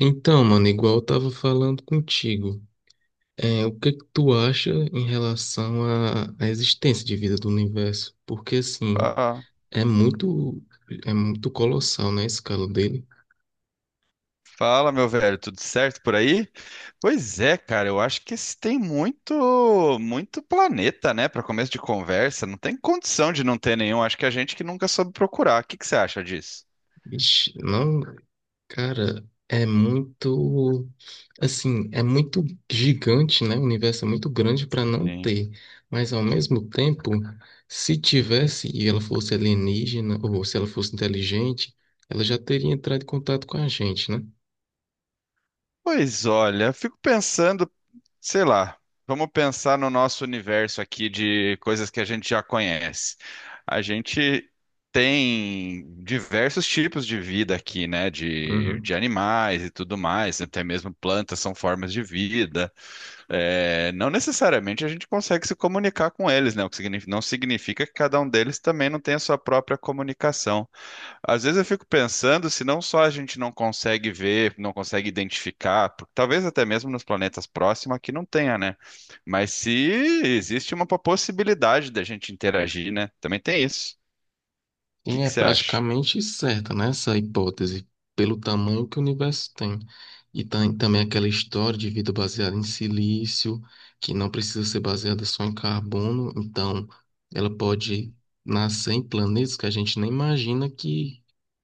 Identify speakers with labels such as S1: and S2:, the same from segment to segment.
S1: Então, mano, igual eu tava falando contigo, o que é que tu acha em relação à existência de vida do universo? Porque, assim,
S2: Ah,
S1: é muito, é muito colossal, né, a escala dele.
S2: fala, meu velho, tudo certo por aí? Pois é, cara, eu acho que esse tem muito planeta, né, para começo de conversa. Não tem condição de não ter nenhum. Acho que a gente que nunca soube procurar. O que que você acha disso?
S1: Ixi, não, cara, assim, é muito gigante, né? O universo é muito grande para não
S2: Sim.
S1: ter. Mas ao mesmo tempo, se tivesse e ela fosse alienígena ou se ela fosse inteligente, ela já teria entrado em contato com a gente, né?
S2: Pois olha, eu fico pensando, sei lá, vamos pensar no nosso universo aqui de coisas que a gente já conhece. A gente tem diversos tipos de vida aqui, né? De,
S1: Uhum.
S2: de animais e tudo mais, né, até mesmo plantas são formas de vida. É, não necessariamente a gente consegue se comunicar com eles, né? Não significa que cada um deles também não tenha a sua própria comunicação. Às vezes eu fico pensando se não só a gente não consegue ver, não consegue identificar, talvez até mesmo nos planetas próximos que não tenha, né? Mas se existe uma possibilidade da gente interagir, né? Também tem isso. O que
S1: Sim,
S2: que
S1: é
S2: você acha?
S1: praticamente certa, né, essa hipótese, pelo tamanho que o universo tem. E também aquela história de vida baseada em silício, que não precisa ser baseada só em carbono, então ela pode nascer em planetas que a gente nem imagina que,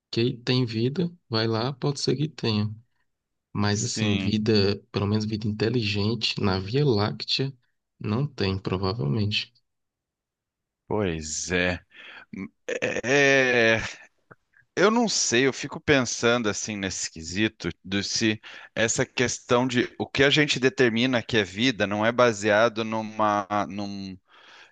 S1: que tem vida, vai lá, pode ser que tenha. Mas assim,
S2: Sim,
S1: vida, pelo menos vida inteligente, na Via Láctea, não tem, provavelmente.
S2: pois é. É, eu não sei, eu fico pensando assim nesse quesito do se essa questão de o que a gente determina que é vida não é baseado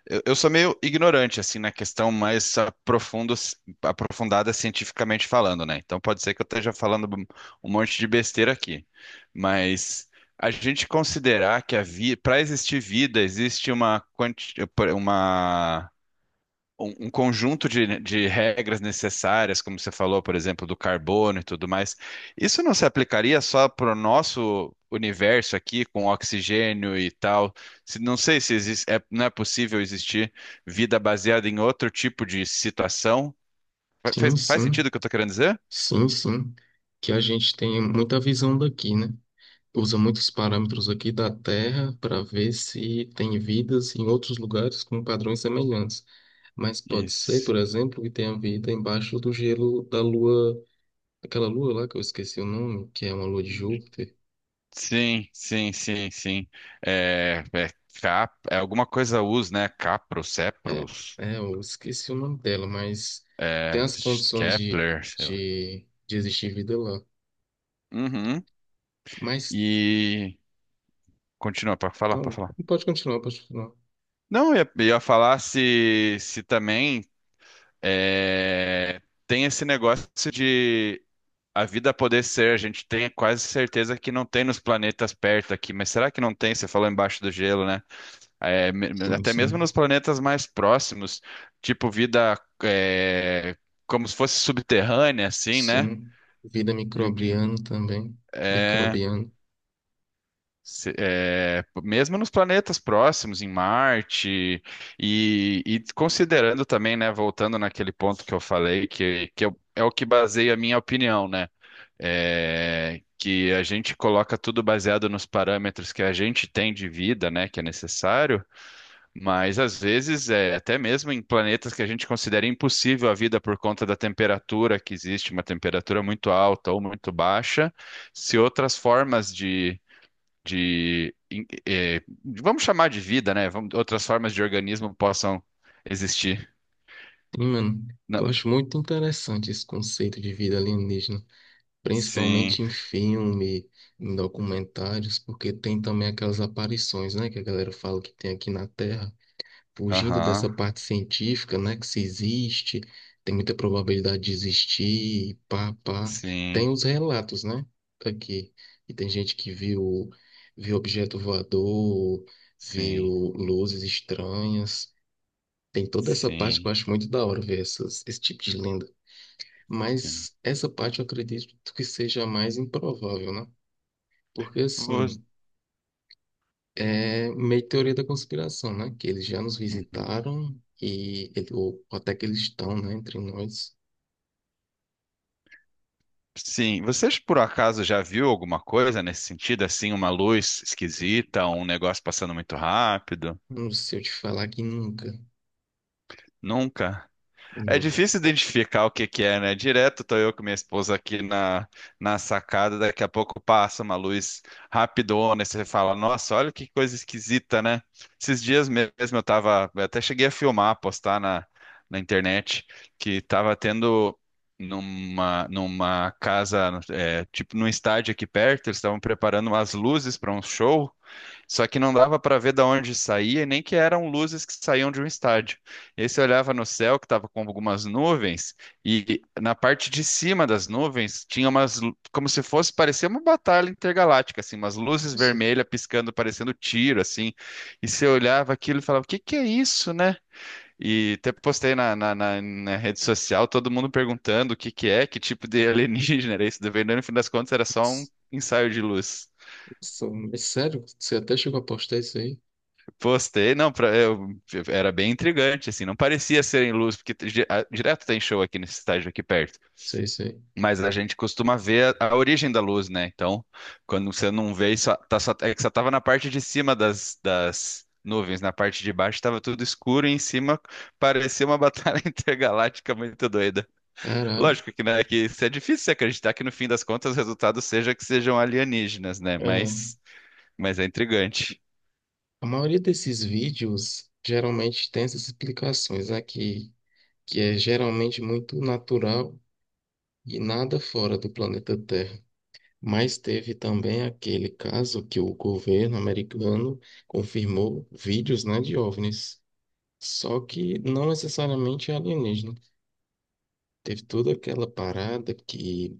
S2: Eu sou meio ignorante, assim, na questão aprofundada cientificamente falando, né? Então pode ser que eu esteja falando um monte de besteira aqui. Mas a gente considerar que a vida, para existir vida, existe uma um conjunto de regras necessárias, como você falou, por exemplo, do carbono e tudo mais, isso não se aplicaria só para o nosso universo aqui, com oxigênio e tal? Não sei se existe, não é possível existir vida baseada em outro tipo de situação. Fa-
S1: Sim,
S2: Faz, faz sentido
S1: sim.
S2: o que eu estou querendo dizer?
S1: Sim, sim, que a gente tem muita visão daqui, né? Usa muitos parâmetros aqui da Terra para ver se tem vidas em outros lugares com padrões semelhantes. Mas pode ser,
S2: Isso.
S1: por exemplo, que tenha vida embaixo do gelo da Lua, aquela Lua lá que eu esqueci o nome, que é uma Lua de Júpiter.
S2: Sim, sim, sim, sim. É, é, cap, é alguma coisa us, né? Capro,
S1: É,
S2: Cepros,
S1: é, eu esqueci o nome dela, mas tem
S2: é,
S1: as condições de,
S2: Kepler, sei lá.
S1: de, de existir vida lá.
S2: Uhum.
S1: Mas,
S2: E continua para
S1: não,
S2: falar.
S1: pode continuar, pode continuar.
S2: Não, eu ia falar se também é, tem esse negócio de a vida poder ser. A gente tem quase certeza que não tem nos planetas perto aqui, mas será que não tem? Você falou embaixo do gelo, né? É,
S1: Sim,
S2: até mesmo
S1: sim.
S2: nos planetas mais próximos, tipo vida é, como se fosse subterrânea, assim, né?
S1: Sim, vida
S2: Uhum.
S1: microbiana também.
S2: É,
S1: Microbiana.
S2: Mesmo nos planetas próximos, em Marte, e considerando também, né, voltando naquele ponto que eu falei, é o que baseia a minha opinião, né? É, que a gente coloca tudo baseado nos parâmetros que a gente tem de vida, né, que é necessário, mas às vezes, é, até mesmo em planetas que a gente considera impossível a vida por conta da temperatura que existe, uma temperatura muito alta ou muito baixa, se outras formas de, em- eh, de- vamos chamar de vida, né? Outras formas de organismo possam existir.
S1: Sim, mano,
S2: Não.
S1: eu acho muito interessante esse conceito de vida alienígena,
S2: Sim,
S1: principalmente em filme, em documentários, porque tem também aquelas aparições, né, que a galera fala que tem aqui na Terra. Fugindo
S2: aham,
S1: dessa parte científica, né, que se existe, tem muita probabilidade de existir, e pá, pá. Tem
S2: sim,
S1: os relatos, né, aqui. E tem gente que viu objeto voador, viu
S2: sim,
S1: luzes estranhas. Tem toda essa parte que eu
S2: sim,
S1: acho muito da hora ver esse tipo de lenda.
S2: sim.
S1: Mas essa parte eu acredito que seja a mais improvável, né? Porque
S2: Você,
S1: assim, é meio teoria da conspiração, né? Que eles já nos
S2: uhum.
S1: visitaram e ou até que eles estão, né, entre nós.
S2: Sim, vocês por acaso já viu alguma coisa nesse sentido, assim, uma luz esquisita, um negócio passando muito rápido?
S1: Não sei eu te falar que nunca,
S2: Nunca? É
S1: nunca.
S2: difícil identificar o que que é, né? Direto tô eu com minha esposa aqui na sacada, daqui a pouco passa uma luz rapidona e você fala, nossa, olha que coisa esquisita, né? Esses dias mesmo eu até cheguei a filmar, postar na internet, que tava tendo numa casa, é, tipo num estádio aqui perto, eles estavam preparando umas luzes para um show, só que não dava para ver de onde saía, e nem que eram luzes que saíam de um estádio. E aí você olhava no céu, que estava com algumas nuvens, e na parte de cima das nuvens tinha umas, como se fosse, parecia uma batalha intergaláctica, assim, umas luzes
S1: Isso,
S2: vermelhas piscando, parecendo tiro, assim. E você olhava aquilo e falava, o que que é isso, né? E até postei na rede social, todo mundo perguntando o que que é, que tipo de alienígena era isso, daí, no fim das contas era só um
S1: isso,
S2: ensaio de luz.
S1: é sério? Você até chegou a postar isso aí?
S2: Postei, não, pra, eu, era bem intrigante, assim, não parecia ser em luz, porque direto tem show aqui nesse estádio aqui perto,
S1: Sei, sei.
S2: mas a gente costuma ver a origem da luz, né? Então, quando você não vê, isso tá só, é que só tava na parte de cima das nuvens, na parte de baixo tava tudo escuro e em cima parecia uma batalha intergaláctica muito doida.
S1: Caralho.
S2: Lógico que, né, que isso é difícil você acreditar que no fim das contas o resultado seja que sejam alienígenas, né?
S1: É,
S2: Mas é intrigante.
S1: a maioria desses vídeos geralmente tem essas explicações aqui, que é geralmente muito natural e nada fora do planeta Terra. Mas teve também aquele caso que o governo americano confirmou vídeos, né, de OVNIs, só que não necessariamente alienígena. Teve toda aquela parada que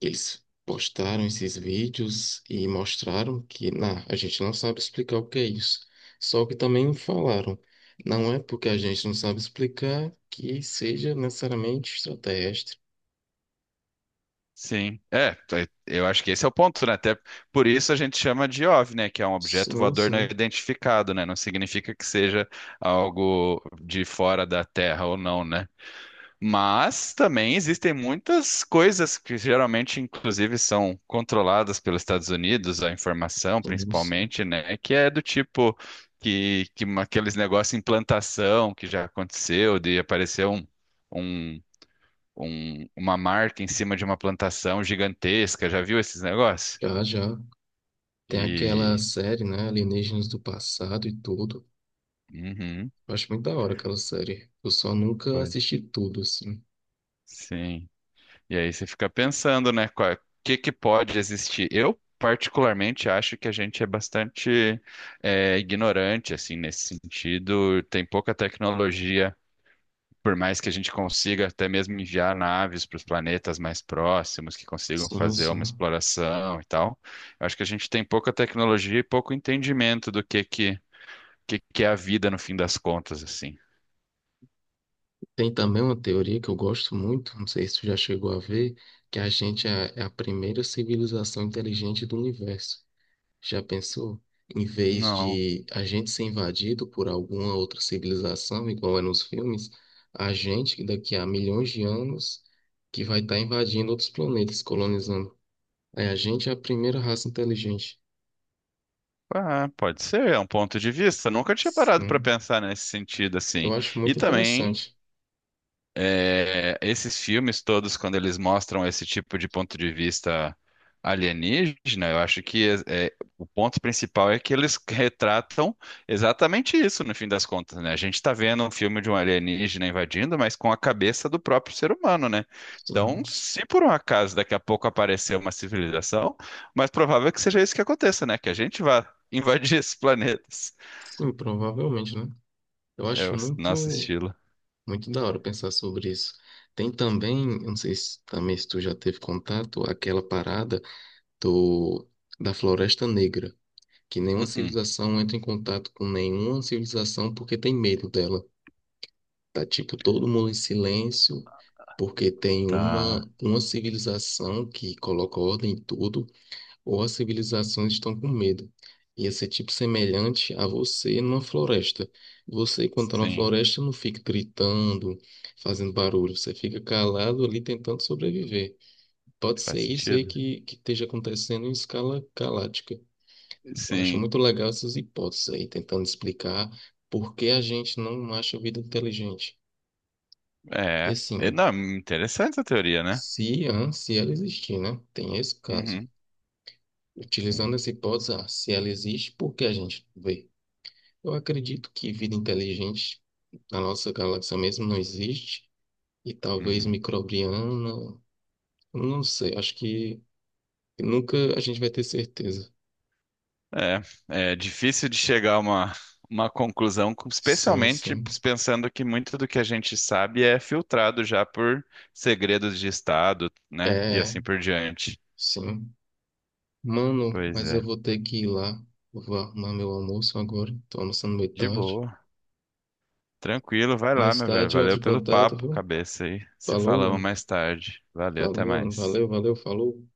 S1: eles postaram esses vídeos e mostraram que, a gente não sabe explicar o que é isso. Só que também falaram, não é porque a gente não sabe explicar que seja necessariamente extraterrestre.
S2: Sim, é, eu acho que esse é o ponto, né? Até por isso a gente chama de OVNI, né? Que é um objeto
S1: Sim,
S2: voador não
S1: sim,
S2: identificado, né? Não significa que seja algo de fora da Terra ou não, né? Mas também existem muitas coisas que geralmente, inclusive, são controladas pelos Estados Unidos, a informação
S1: sim, sim.
S2: principalmente, né? Que é do tipo que aqueles negócios de implantação que já aconteceu, de aparecer um. um uma marca em cima de uma plantação gigantesca. Já viu esses negócios?
S1: Já, já. Tem aquela
S2: E.
S1: série, né? Alienígenas do passado e tudo.
S2: Uhum,
S1: Eu acho muito da hora aquela série. Eu só nunca
S2: pois,
S1: assisti tudo, assim.
S2: sim. E aí você fica pensando, né? O que que pode existir? Eu, particularmente, acho que a gente é bastante é, ignorante, assim, nesse sentido. Tem pouca tecnologia. Por mais que a gente consiga até mesmo enviar naves para os planetas mais próximos, que consigam
S1: Sim,
S2: fazer uma
S1: sim.
S2: exploração e tal, eu acho que a gente tem pouca tecnologia e pouco entendimento do que é a vida no fim das contas, assim.
S1: Tem também uma teoria que eu gosto muito, não sei se tu já chegou a ver, que a gente é a primeira civilização inteligente do universo. Já pensou? Em vez
S2: Não.
S1: de a gente ser invadido por alguma outra civilização, igual é nos filmes, a gente, que daqui a milhões de anos, que vai estar invadindo outros planetas, colonizando. É, a gente é a primeira raça inteligente.
S2: Ah, pode ser, é um ponto de vista. Nunca tinha parado para
S1: Sim,
S2: pensar nesse sentido,
S1: eu
S2: assim.
S1: acho
S2: E
S1: muito
S2: também
S1: interessante.
S2: é, esses filmes todos, quando eles mostram esse tipo de ponto de vista alienígena, eu acho que o ponto principal é que eles retratam exatamente isso, no fim das contas, né? A gente está vendo um filme de um alienígena invadindo, mas com a cabeça do próprio ser humano, né? Então,
S1: Sim,
S2: se por um acaso daqui a pouco aparecer uma civilização, mais provável é que seja isso que aconteça, né? Que a gente vá invadir esses planetas.
S1: sim, provavelmente, né? Eu
S2: É
S1: acho
S2: o nosso
S1: muito,
S2: estilo.
S1: muito da hora pensar sobre isso. Tem também, eu não sei se também se tu já teve contato, aquela parada do, da Floresta Negra, que nenhuma
S2: Uh-uh,
S1: civilização entra em contato com nenhuma civilização porque tem medo dela. Tá tipo todo mundo em silêncio, porque tem
S2: tá.
S1: uma civilização que coloca ordem em tudo. Ou as civilizações estão com medo. Ia ser tipo semelhante a você numa floresta. Você, quando tá na
S2: Sim,
S1: floresta, não fica gritando, fazendo barulho. Você fica calado ali tentando sobreviver. Pode ser
S2: faz
S1: isso aí
S2: sentido.
S1: que, esteja acontecendo em escala galáctica. Eu acho
S2: Sim,
S1: muito legal essas hipóteses aí, tentando explicar por que a gente não acha vida inteligente. E
S2: é. E,
S1: assim,
S2: não, interessante a teoria, né?
S1: se ela existir, né? Tem esse caso.
S2: Uhum,
S1: Utilizando
S2: sim.
S1: essa hipótese, se ela existe, por que a gente não vê? Eu acredito que vida inteligente na nossa galáxia mesmo não existe, e talvez
S2: Uhum.
S1: microbiana, não sei, acho que nunca a gente vai ter certeza.
S2: É, é difícil de chegar a uma conclusão, com-
S1: Sim,
S2: especialmente
S1: sim.
S2: pensando que muito do que a gente sabe é filtrado já por segredos de Estado, né? E
S1: É,
S2: assim por diante.
S1: sim. Mano,
S2: Pois
S1: mas eu
S2: é.
S1: vou ter que ir lá. Eu vou arrumar meu almoço agora. Tô almoçando meio
S2: De
S1: tarde.
S2: boa. Tranquilo, vai lá,
S1: Mais
S2: meu velho.
S1: tarde eu entro
S2: Valeu
S1: em
S2: pelo
S1: contato,
S2: papo,
S1: viu?
S2: cabeça aí. Se
S1: Falou,
S2: falamos
S1: mano.
S2: mais tarde. Valeu,
S1: Falou,
S2: até
S1: mano.
S2: mais.
S1: Valeu, valeu, falou.